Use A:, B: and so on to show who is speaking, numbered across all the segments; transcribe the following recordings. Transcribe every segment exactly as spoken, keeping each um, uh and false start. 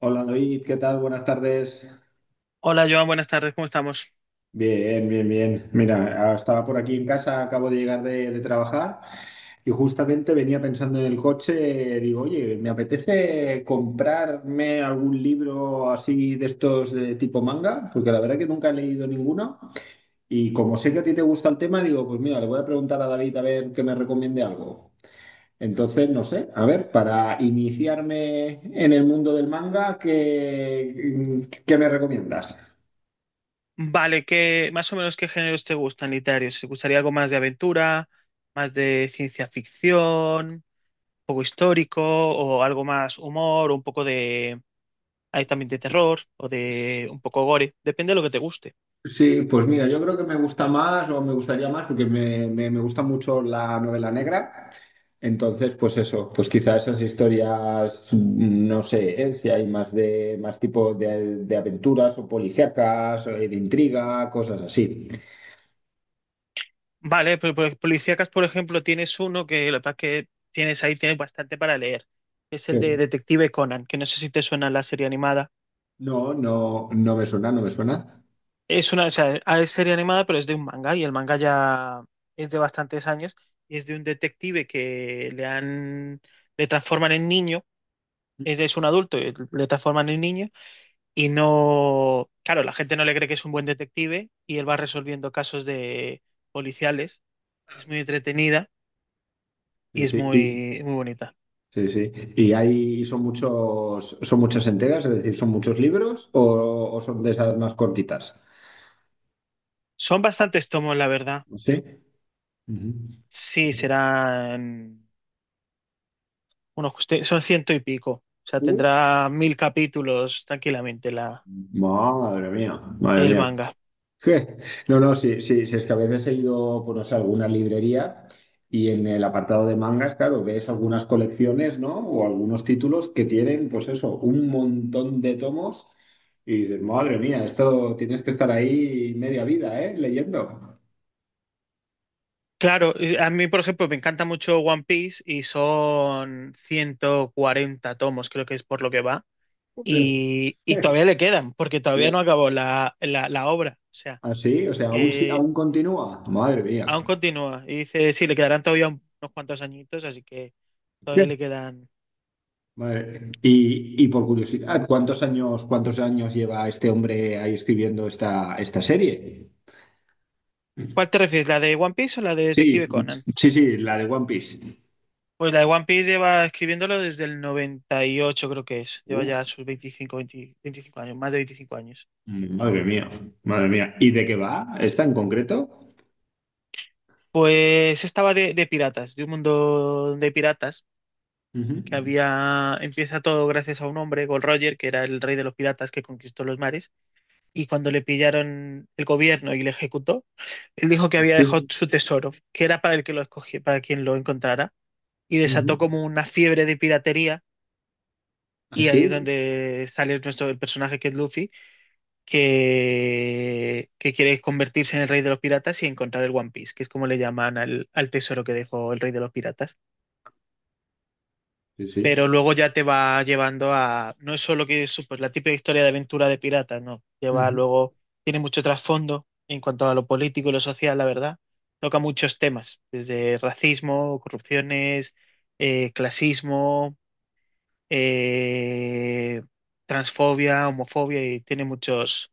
A: Hola David, ¿qué tal? Buenas tardes.
B: Hola Joan, buenas tardes, ¿cómo estamos?
A: Bien, bien, bien. Mira, ah, estaba por aquí en casa, acabo de llegar de, de trabajar y justamente venía pensando en el coche, digo, oye, me apetece comprarme algún libro así de estos de tipo manga, porque la verdad que nunca he leído ninguno y como sé que a ti te gusta el tema, digo, pues mira, le voy a preguntar a David a ver que me recomiende algo. Entonces, no sé, a ver, para iniciarme en el mundo del manga, ¿qué, qué me recomiendas?
B: Vale, ¿qué más o menos qué géneros te gustan literarios? ¿Te gustaría algo más de aventura, más de ciencia ficción, un poco histórico o algo más humor, o un poco de hay también de terror o de un poco gore? Depende de lo que te guste.
A: Sí, pues mira, yo creo que me gusta más o me gustaría más porque me, me- me gusta mucho la novela negra. Entonces, pues eso, pues quizá esas historias, mm, no sé, ¿eh? Si hay más de más tipo de, de aventuras o policíacas, eh, de intriga, cosas así.
B: Vale, pero por, policíacas, por ejemplo, tienes uno que lo que pasa es que tienes ahí tienes bastante para leer. Es el de
A: Sí.
B: Detective Conan, que no sé si te suena la serie animada.
A: No, no, no me suena, no me suena.
B: Es una, o sea, ah, es serie animada, pero es de un manga y el manga ya es de bastantes años y es de un detective que le han, le transforman en niño, es, es un adulto, y le transforman en niño y no, claro, la gente no le cree que es un buen detective y él va resolviendo casos de policiales. Es muy entretenida y
A: Sí,
B: es
A: sí, y,
B: muy, muy bonita.
A: sí, sí. Y hay, son muchos, son muchas entregas, es decir, son muchos libros o, o son de esas más cortitas.
B: Son bastantes tomos, la verdad.
A: Sí.
B: Sí, serán unos, son ciento y pico. O sea,
A: Ujú.
B: tendrá mil capítulos tranquilamente la
A: Madre mía, madre
B: El
A: mía.
B: manga.
A: Je. No, no, sí, sí, sí, es que a veces he ido, pues no sé, a alguna librería y en el apartado de mangas, claro, ves algunas colecciones, ¿no? O algunos títulos que tienen, pues eso, un montón de tomos y dices, madre mía, esto tienes que estar ahí media vida, ¿eh? Leyendo.
B: Claro, y a mí, por ejemplo, me encanta mucho One Piece y son ciento cuarenta tomos, creo que es por lo que va.
A: Joder.
B: Y, y todavía le quedan, porque
A: Y
B: todavía no acabó la, la, la obra. O sea,
A: así, o sea, aún, sí-
B: eh,
A: aún continúa. Madre mía.
B: aún continúa. Y dice, sí, le quedarán todavía un- unos cuantos añitos, así que todavía le quedan.
A: Vale. Y, y por curiosidad, ¿cuántos años, cuántos años lleva este hombre ahí escribiendo esta, esta serie?
B: ¿Cuál te refieres, la de One Piece o la de
A: Sí,
B: Detective Conan?
A: sí, sí, la de One Piece.
B: Pues la de One Piece lleva escribiéndolo desde el noventa y ocho, creo que es. Lleva ya
A: Uf,
B: sus veinticinco veinte veinticinco años, más de veinticinco años.
A: madre mía, madre mía. ¿Y de qué va? ¿Esta en concreto?
B: Pues estaba de, de piratas, de un mundo de piratas,
A: Ujú.
B: que había, empieza todo gracias a un hombre, Gold Roger, que era el rey de los piratas que conquistó los mares, y cuando le pillaron el gobierno y le ejecutó, él dijo que había dejado
A: Sí.
B: su tesoro, que era para el que lo escogía, para quien lo encontrara, y
A: Ujú.
B: desató como una fiebre de piratería,
A: Ah,
B: y ahí
A: sí,
B: es donde sale nuestro el personaje que es Luffy, que, que quiere convertirse en el rey de los piratas y encontrar el One Piece, que es como le llaman al, al tesoro que dejó el rey de los piratas.
A: sí,
B: Pero
A: sí.
B: luego ya te va llevando a, no es solo que eso, pues la típica historia de aventura de pirata, no, lleva
A: Ujú.
B: luego, tiene mucho trasfondo en cuanto a lo político y lo social, la verdad, toca muchos temas, desde racismo, corrupciones, eh, clasismo, eh, transfobia, homofobia, y tiene muchos,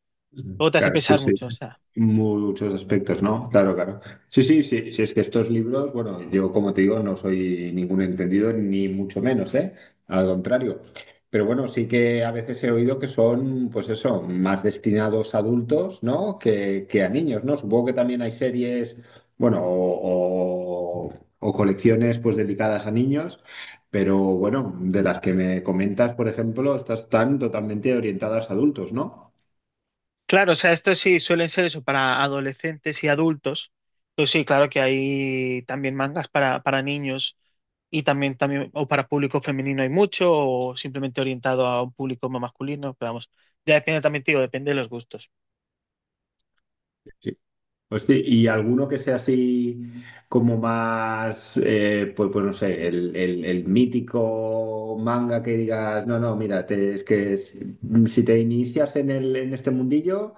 B: luego te hace
A: Claro, sí,
B: pensar
A: sí.
B: mucho, o sea,
A: Muchos aspectos, ¿no? Claro, claro. Sí, sí, sí, sí, es que estos libros, bueno, yo como te digo, no soy ningún entendido, ni mucho menos, ¿eh? Al contrario. Pero bueno, sí que a veces he oído que son, pues eso, más destinados a adultos, ¿no? Que, que a niños, ¿no? Supongo que también hay series, bueno, o, o- o colecciones, pues dedicadas a niños, pero bueno, de las que me comentas, por ejemplo, estas están totalmente orientadas a adultos, ¿no?
B: claro, o sea, esto sí suelen ser eso para adolescentes y adultos, pues sí, claro que hay también mangas para, para niños. Y también, también, o para público femenino hay mucho, o simplemente orientado a un público más masculino, pero vamos, ya depende también, te digo, depende de los gustos.
A: Hostia, y alguno que sea así como más, eh, pues, pues, no sé, el, el- el mítico manga que digas, no, no, mira, te- es que si, si te inicias en el, en este mundillo,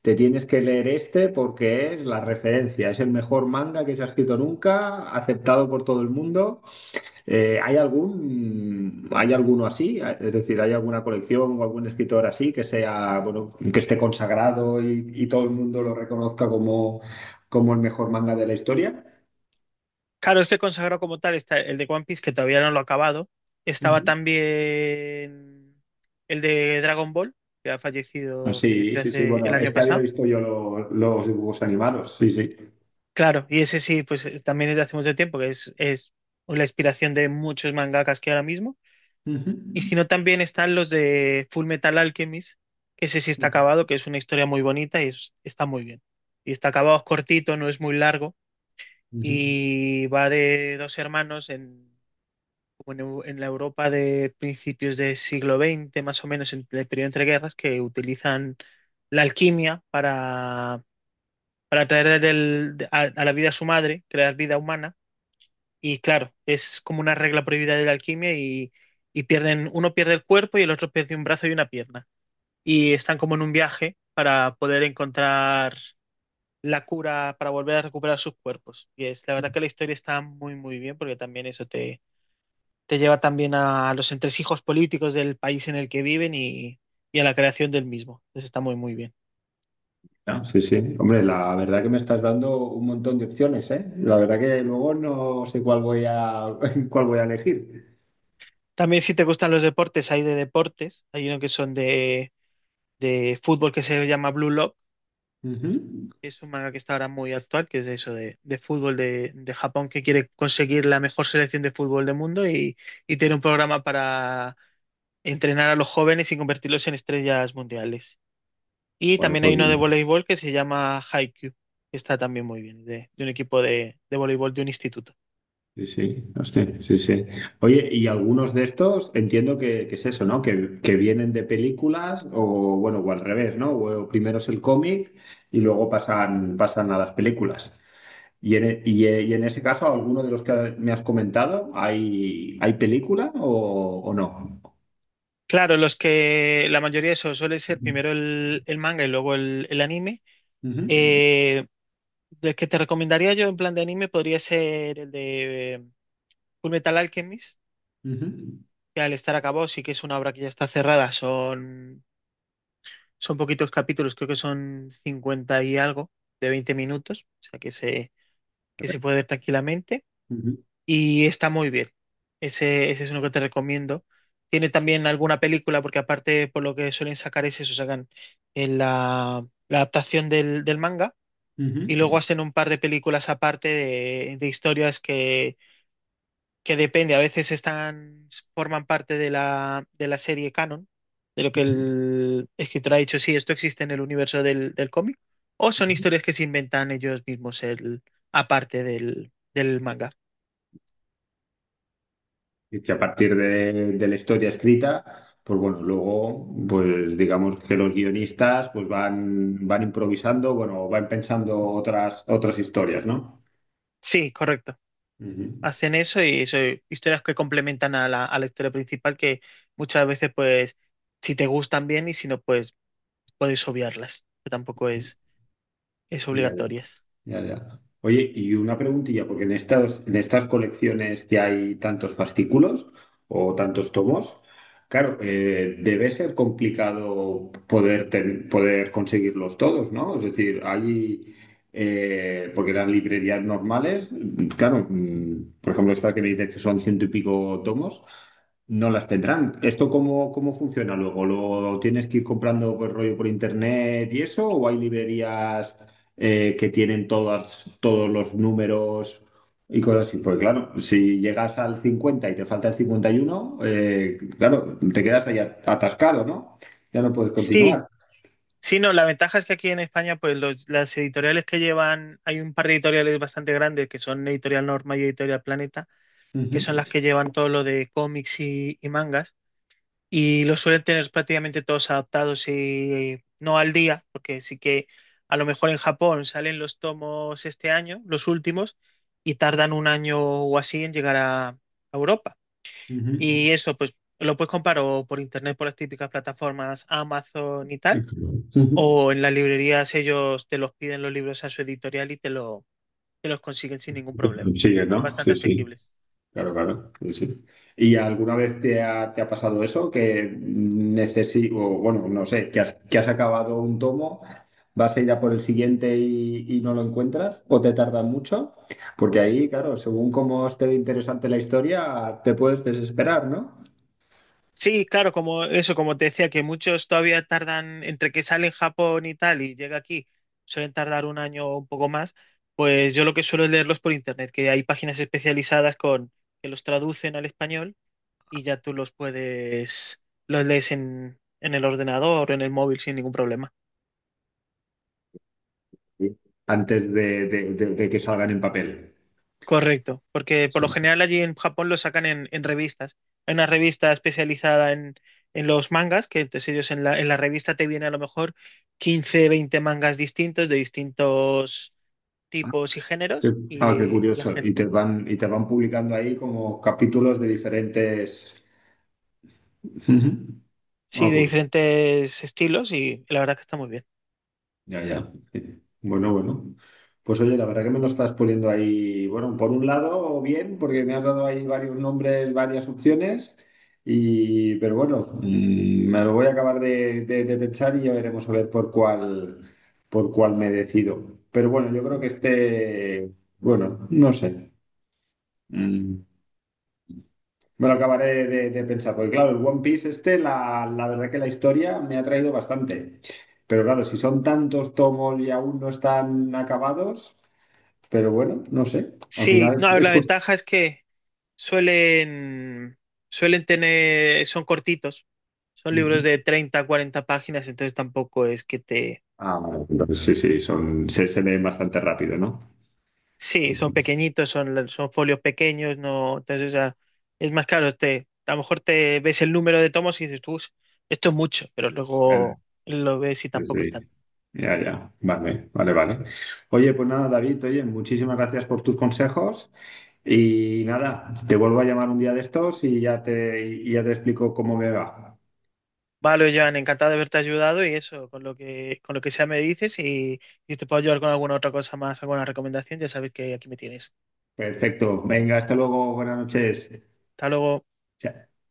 A: te tienes que leer este porque es la referencia, es el mejor manga que se ha escrito nunca, aceptado por todo el mundo. Eh, ¿hay algún, hay alguno así? Es decir, ¿hay alguna colección o algún escritor así que sea, bueno, que esté consagrado y, y todo el mundo lo reconozca como, como el mejor manga de la historia?
B: Claro, este consagrado como tal está el de One Piece, que todavía no lo he acabado. Estaba
A: Ujú.
B: también el de Dragon Ball, que ha
A: Ah,
B: fallecido,
A: sí,
B: falleció
A: sí, sí.
B: hace el
A: Bueno,
B: año
A: este había
B: pasado.
A: visto yo lo- los dibujos animados. Sí, sí.
B: Claro, y ese sí, pues eh, también es de hace mucho tiempo, que es, es la inspiración de muchos mangakas que ahora mismo.
A: Ujú.
B: Y si no, también están los de Full Metal Alchemist, que ese sí está
A: Ujú.
B: acabado, que es una historia muy bonita y es- está muy bien. Y está acabado, es cortito, no es muy largo, y va de dos hermanos en, como en, Eu- en la Europa de principios del siglo XX, más o menos, en el periodo entre guerras, que utilizan la alquimia para, para traer del- de- a, a la vida a su madre, crear vida humana. Y claro, es como una regla prohibida de la alquimia y, y pierden, uno pierde el cuerpo y el otro pierde un brazo y una pierna y están como en un viaje para poder encontrar la cura para volver a recuperar sus cuerpos. Y es la verdad que la historia está muy, muy bien porque también eso te, te lleva también a los entresijos políticos del país en el que viven y, y a la creación del mismo. Entonces está muy, muy bien.
A: Ah, sí, sí. Hombre, la verdad que me estás dando un montón de opciones, ¿eh? La verdad que luego no sé cuál voy a, cuál voy a elegir.
B: También si te gustan los deportes, hay de deportes. Hay uno que son de, de fútbol que se llama Blue Lock.
A: Ujú.
B: Es un manga que está ahora muy actual, que es de eso, de, de fútbol de, de Japón, que quiere conseguir la mejor selección de fútbol del mundo y, y tiene un programa para entrenar a los jóvenes y convertirlos en estrellas mundiales. Y
A: Bueno,
B: también hay
A: pues
B: uno de voleibol que se llama Haikyuu, que está también muy bien, de, de un equipo de, de voleibol de un instituto.
A: sí, sí, hostia, sí, sí. Oye, y algunos de estos entiendo que, que es eso, ¿no? Que, que vienen de películas o, bueno, o al revés, ¿no? O primero es el cómic y luego pasan, pasan a las películas. Y en, e- y, e- y en ese caso, ¿alguno de los que me has comentado, hay, hay película o, o no?
B: Claro, los que la mayoría de eso suele ser primero el, el manga y luego el, el anime.
A: Ujú,
B: Eh, del que te recomendaría yo en plan de anime podría ser el de eh, Fullmetal Alchemist,
A: ujú,
B: que al estar acabado sí que es una obra que ya está cerrada. Son, son poquitos capítulos, creo que son cincuenta y algo de veinte minutos, o sea que se, que se puede ver tranquilamente
A: ujú,
B: y está muy bien. Ese, ese es uno que te recomiendo. Tiene también alguna película, porque aparte por lo que suelen sacar es eso, sacan en la, la adaptación del, del manga
A: ujú,
B: y luego hacen un par de películas aparte de, de historias que que depende, a veces están, forman parte de la, de la serie canon, de lo que
A: ujú,
B: el escritor ha dicho, sí, esto existe en el universo del, del cómic, o son
A: ujú.
B: historias que se inventan ellos mismos el, aparte del, del manga.
A: Y que a partir de, de la historia escrita, pues bueno, luego, pues digamos que los guionistas pues van, van improvisando, bueno, van pensando otras, otras historias, ¿no?
B: Sí, correcto.
A: Ujú.
B: Hacen eso y son historias que complementan a la, a la historia principal que muchas veces, pues, si te gustan bien y si no, pues puedes obviarlas, que tampoco es, es
A: Ya, ya.
B: obligatorias.
A: Ya, ya. Oye, y una preguntilla, porque en estas, en estas, colecciones que hay tantos fascículos o tantos tomos, claro, eh, debe ser complicado poder, ten- poder conseguirlos todos, ¿no? Es decir, hay, eh, porque las librerías normales, claro, mm, por ejemplo, esta que me dices que son ciento y pico tomos, no las tendrán. ¿Esto cómo, cómo funciona luego? ¿Lo tienes que ir comprando por rollo por internet y eso? ¿O hay librerías? Eh, que tienen todas, todos los números y cosas así. Porque claro, si llegas al cincuenta y te falta el cincuenta y uno, eh, claro, te quedas ahí at- atascado, ¿no? Ya no puedes
B: Sí,
A: continuar.
B: sí, no, la ventaja es que aquí en España, pues los- las editoriales que llevan, hay un par de editoriales bastante grandes que son Editorial Norma y Editorial Planeta, que son
A: Ujú,
B: las que llevan todo lo de cómics y, y mangas, y los suelen tener prácticamente todos adaptados y no al día, porque sí que a lo mejor en Japón salen los tomos este año, los últimos, y tardan un año o así en llegar a, a Europa.
A: ujú.
B: Y eso, pues lo puedes comprar o por internet, por las típicas plataformas Amazon y tal
A: Ujú.
B: o en las librerías ellos te los piden los libros a su editorial y te, lo, te los consiguen sin ningún problema. O sea,
A: Sigue,
B: son
A: ¿no?
B: bastante
A: Sí, sí.
B: asequibles.
A: Claro, claro, sí, sí. ¿Y alguna vez te ha, te ha pasado eso? Que necesito, bueno, no sé, que has, que has acabado un tomo, vas a ir a por el siguiente y, y no lo encuentras, o te tarda mucho, porque ahí, claro, según cómo esté de interesante la historia, te puedes desesperar, ¿no?
B: Sí, claro, como eso, como te decía, que muchos todavía tardan, entre que sale en Japón y tal y llega aquí, suelen tardar un año o un poco más, pues yo lo que suelo es leerlos por internet, que hay páginas especializadas con que los traducen al español y ya tú los puedes, los lees en, en el ordenador o en el móvil sin ningún problema.
A: Sí. Antes de, de- de- de que salgan en papel.
B: Correcto, porque por lo
A: Sí, sí.
B: general allí en Japón lo sacan en, en revistas. Hay una revista especializada en, en los mangas, que entonces ellos en la, en la revista te viene a lo mejor quince veinte mangas distintos de distintos
A: Ah,
B: tipos y
A: qué,
B: géneros
A: ah, qué
B: y la
A: curioso.
B: gente,
A: Y te van, y te van publicando ahí como capítulos de diferentes. Ujú. Ah,
B: sí, de
A: pues.
B: diferentes estilos y la verdad que está muy bien.
A: Ya, ya. Bueno, bueno. Pues oye, la verdad que me lo estás poniendo ahí, bueno, por un lado bien, porque me has dado ahí varios nombres, varias opciones, y, pero bueno, mm, me lo voy a acabar de, de- de pensar y ya veremos a ver por cuál, por cuál me decido. Pero bueno, yo creo que este, bueno, no sé. Mm. Me lo acabaré de, de pensar, porque claro, el One Piece este, la, la verdad que la historia me ha traído bastante. Pero claro, si son tantos tomos y aún no están acabados, pero bueno, no sé, al
B: Sí,
A: final
B: no, a
A: es,
B: ver,
A: es
B: la
A: cuest-
B: ventaja es que suelen, suelen tener, son cortitos, son libros
A: Ujú.
B: de treinta, cuarenta páginas, entonces tampoco es que te...
A: Ah, vale, entonces sí, sí, son, se, se leen bastante rápido, ¿no?
B: Sí, son pequeñitos, son, son folios pequeños, no, entonces ah, es más caro. Te, a lo mejor te ves el número de tomos y dices, tú, esto es mucho, pero
A: Claro,
B: luego lo ves y
A: sí,
B: tampoco es
A: sí.
B: tanto.
A: Ya, ya. Vale, vale, vale. Oye, pues nada, David, oye, muchísimas gracias por tus consejos y nada, te vuelvo a llamar un día de estos y ya te, y ya te explico cómo me va.
B: Vale, Joan, encantado de haberte ayudado y eso, con lo que, con lo que sea me dices y si te puedo ayudar con alguna otra cosa más, alguna recomendación, ya sabes que aquí me tienes.
A: Perfecto. Venga, hasta luego. Buenas noches.
B: Hasta luego.
A: Chao.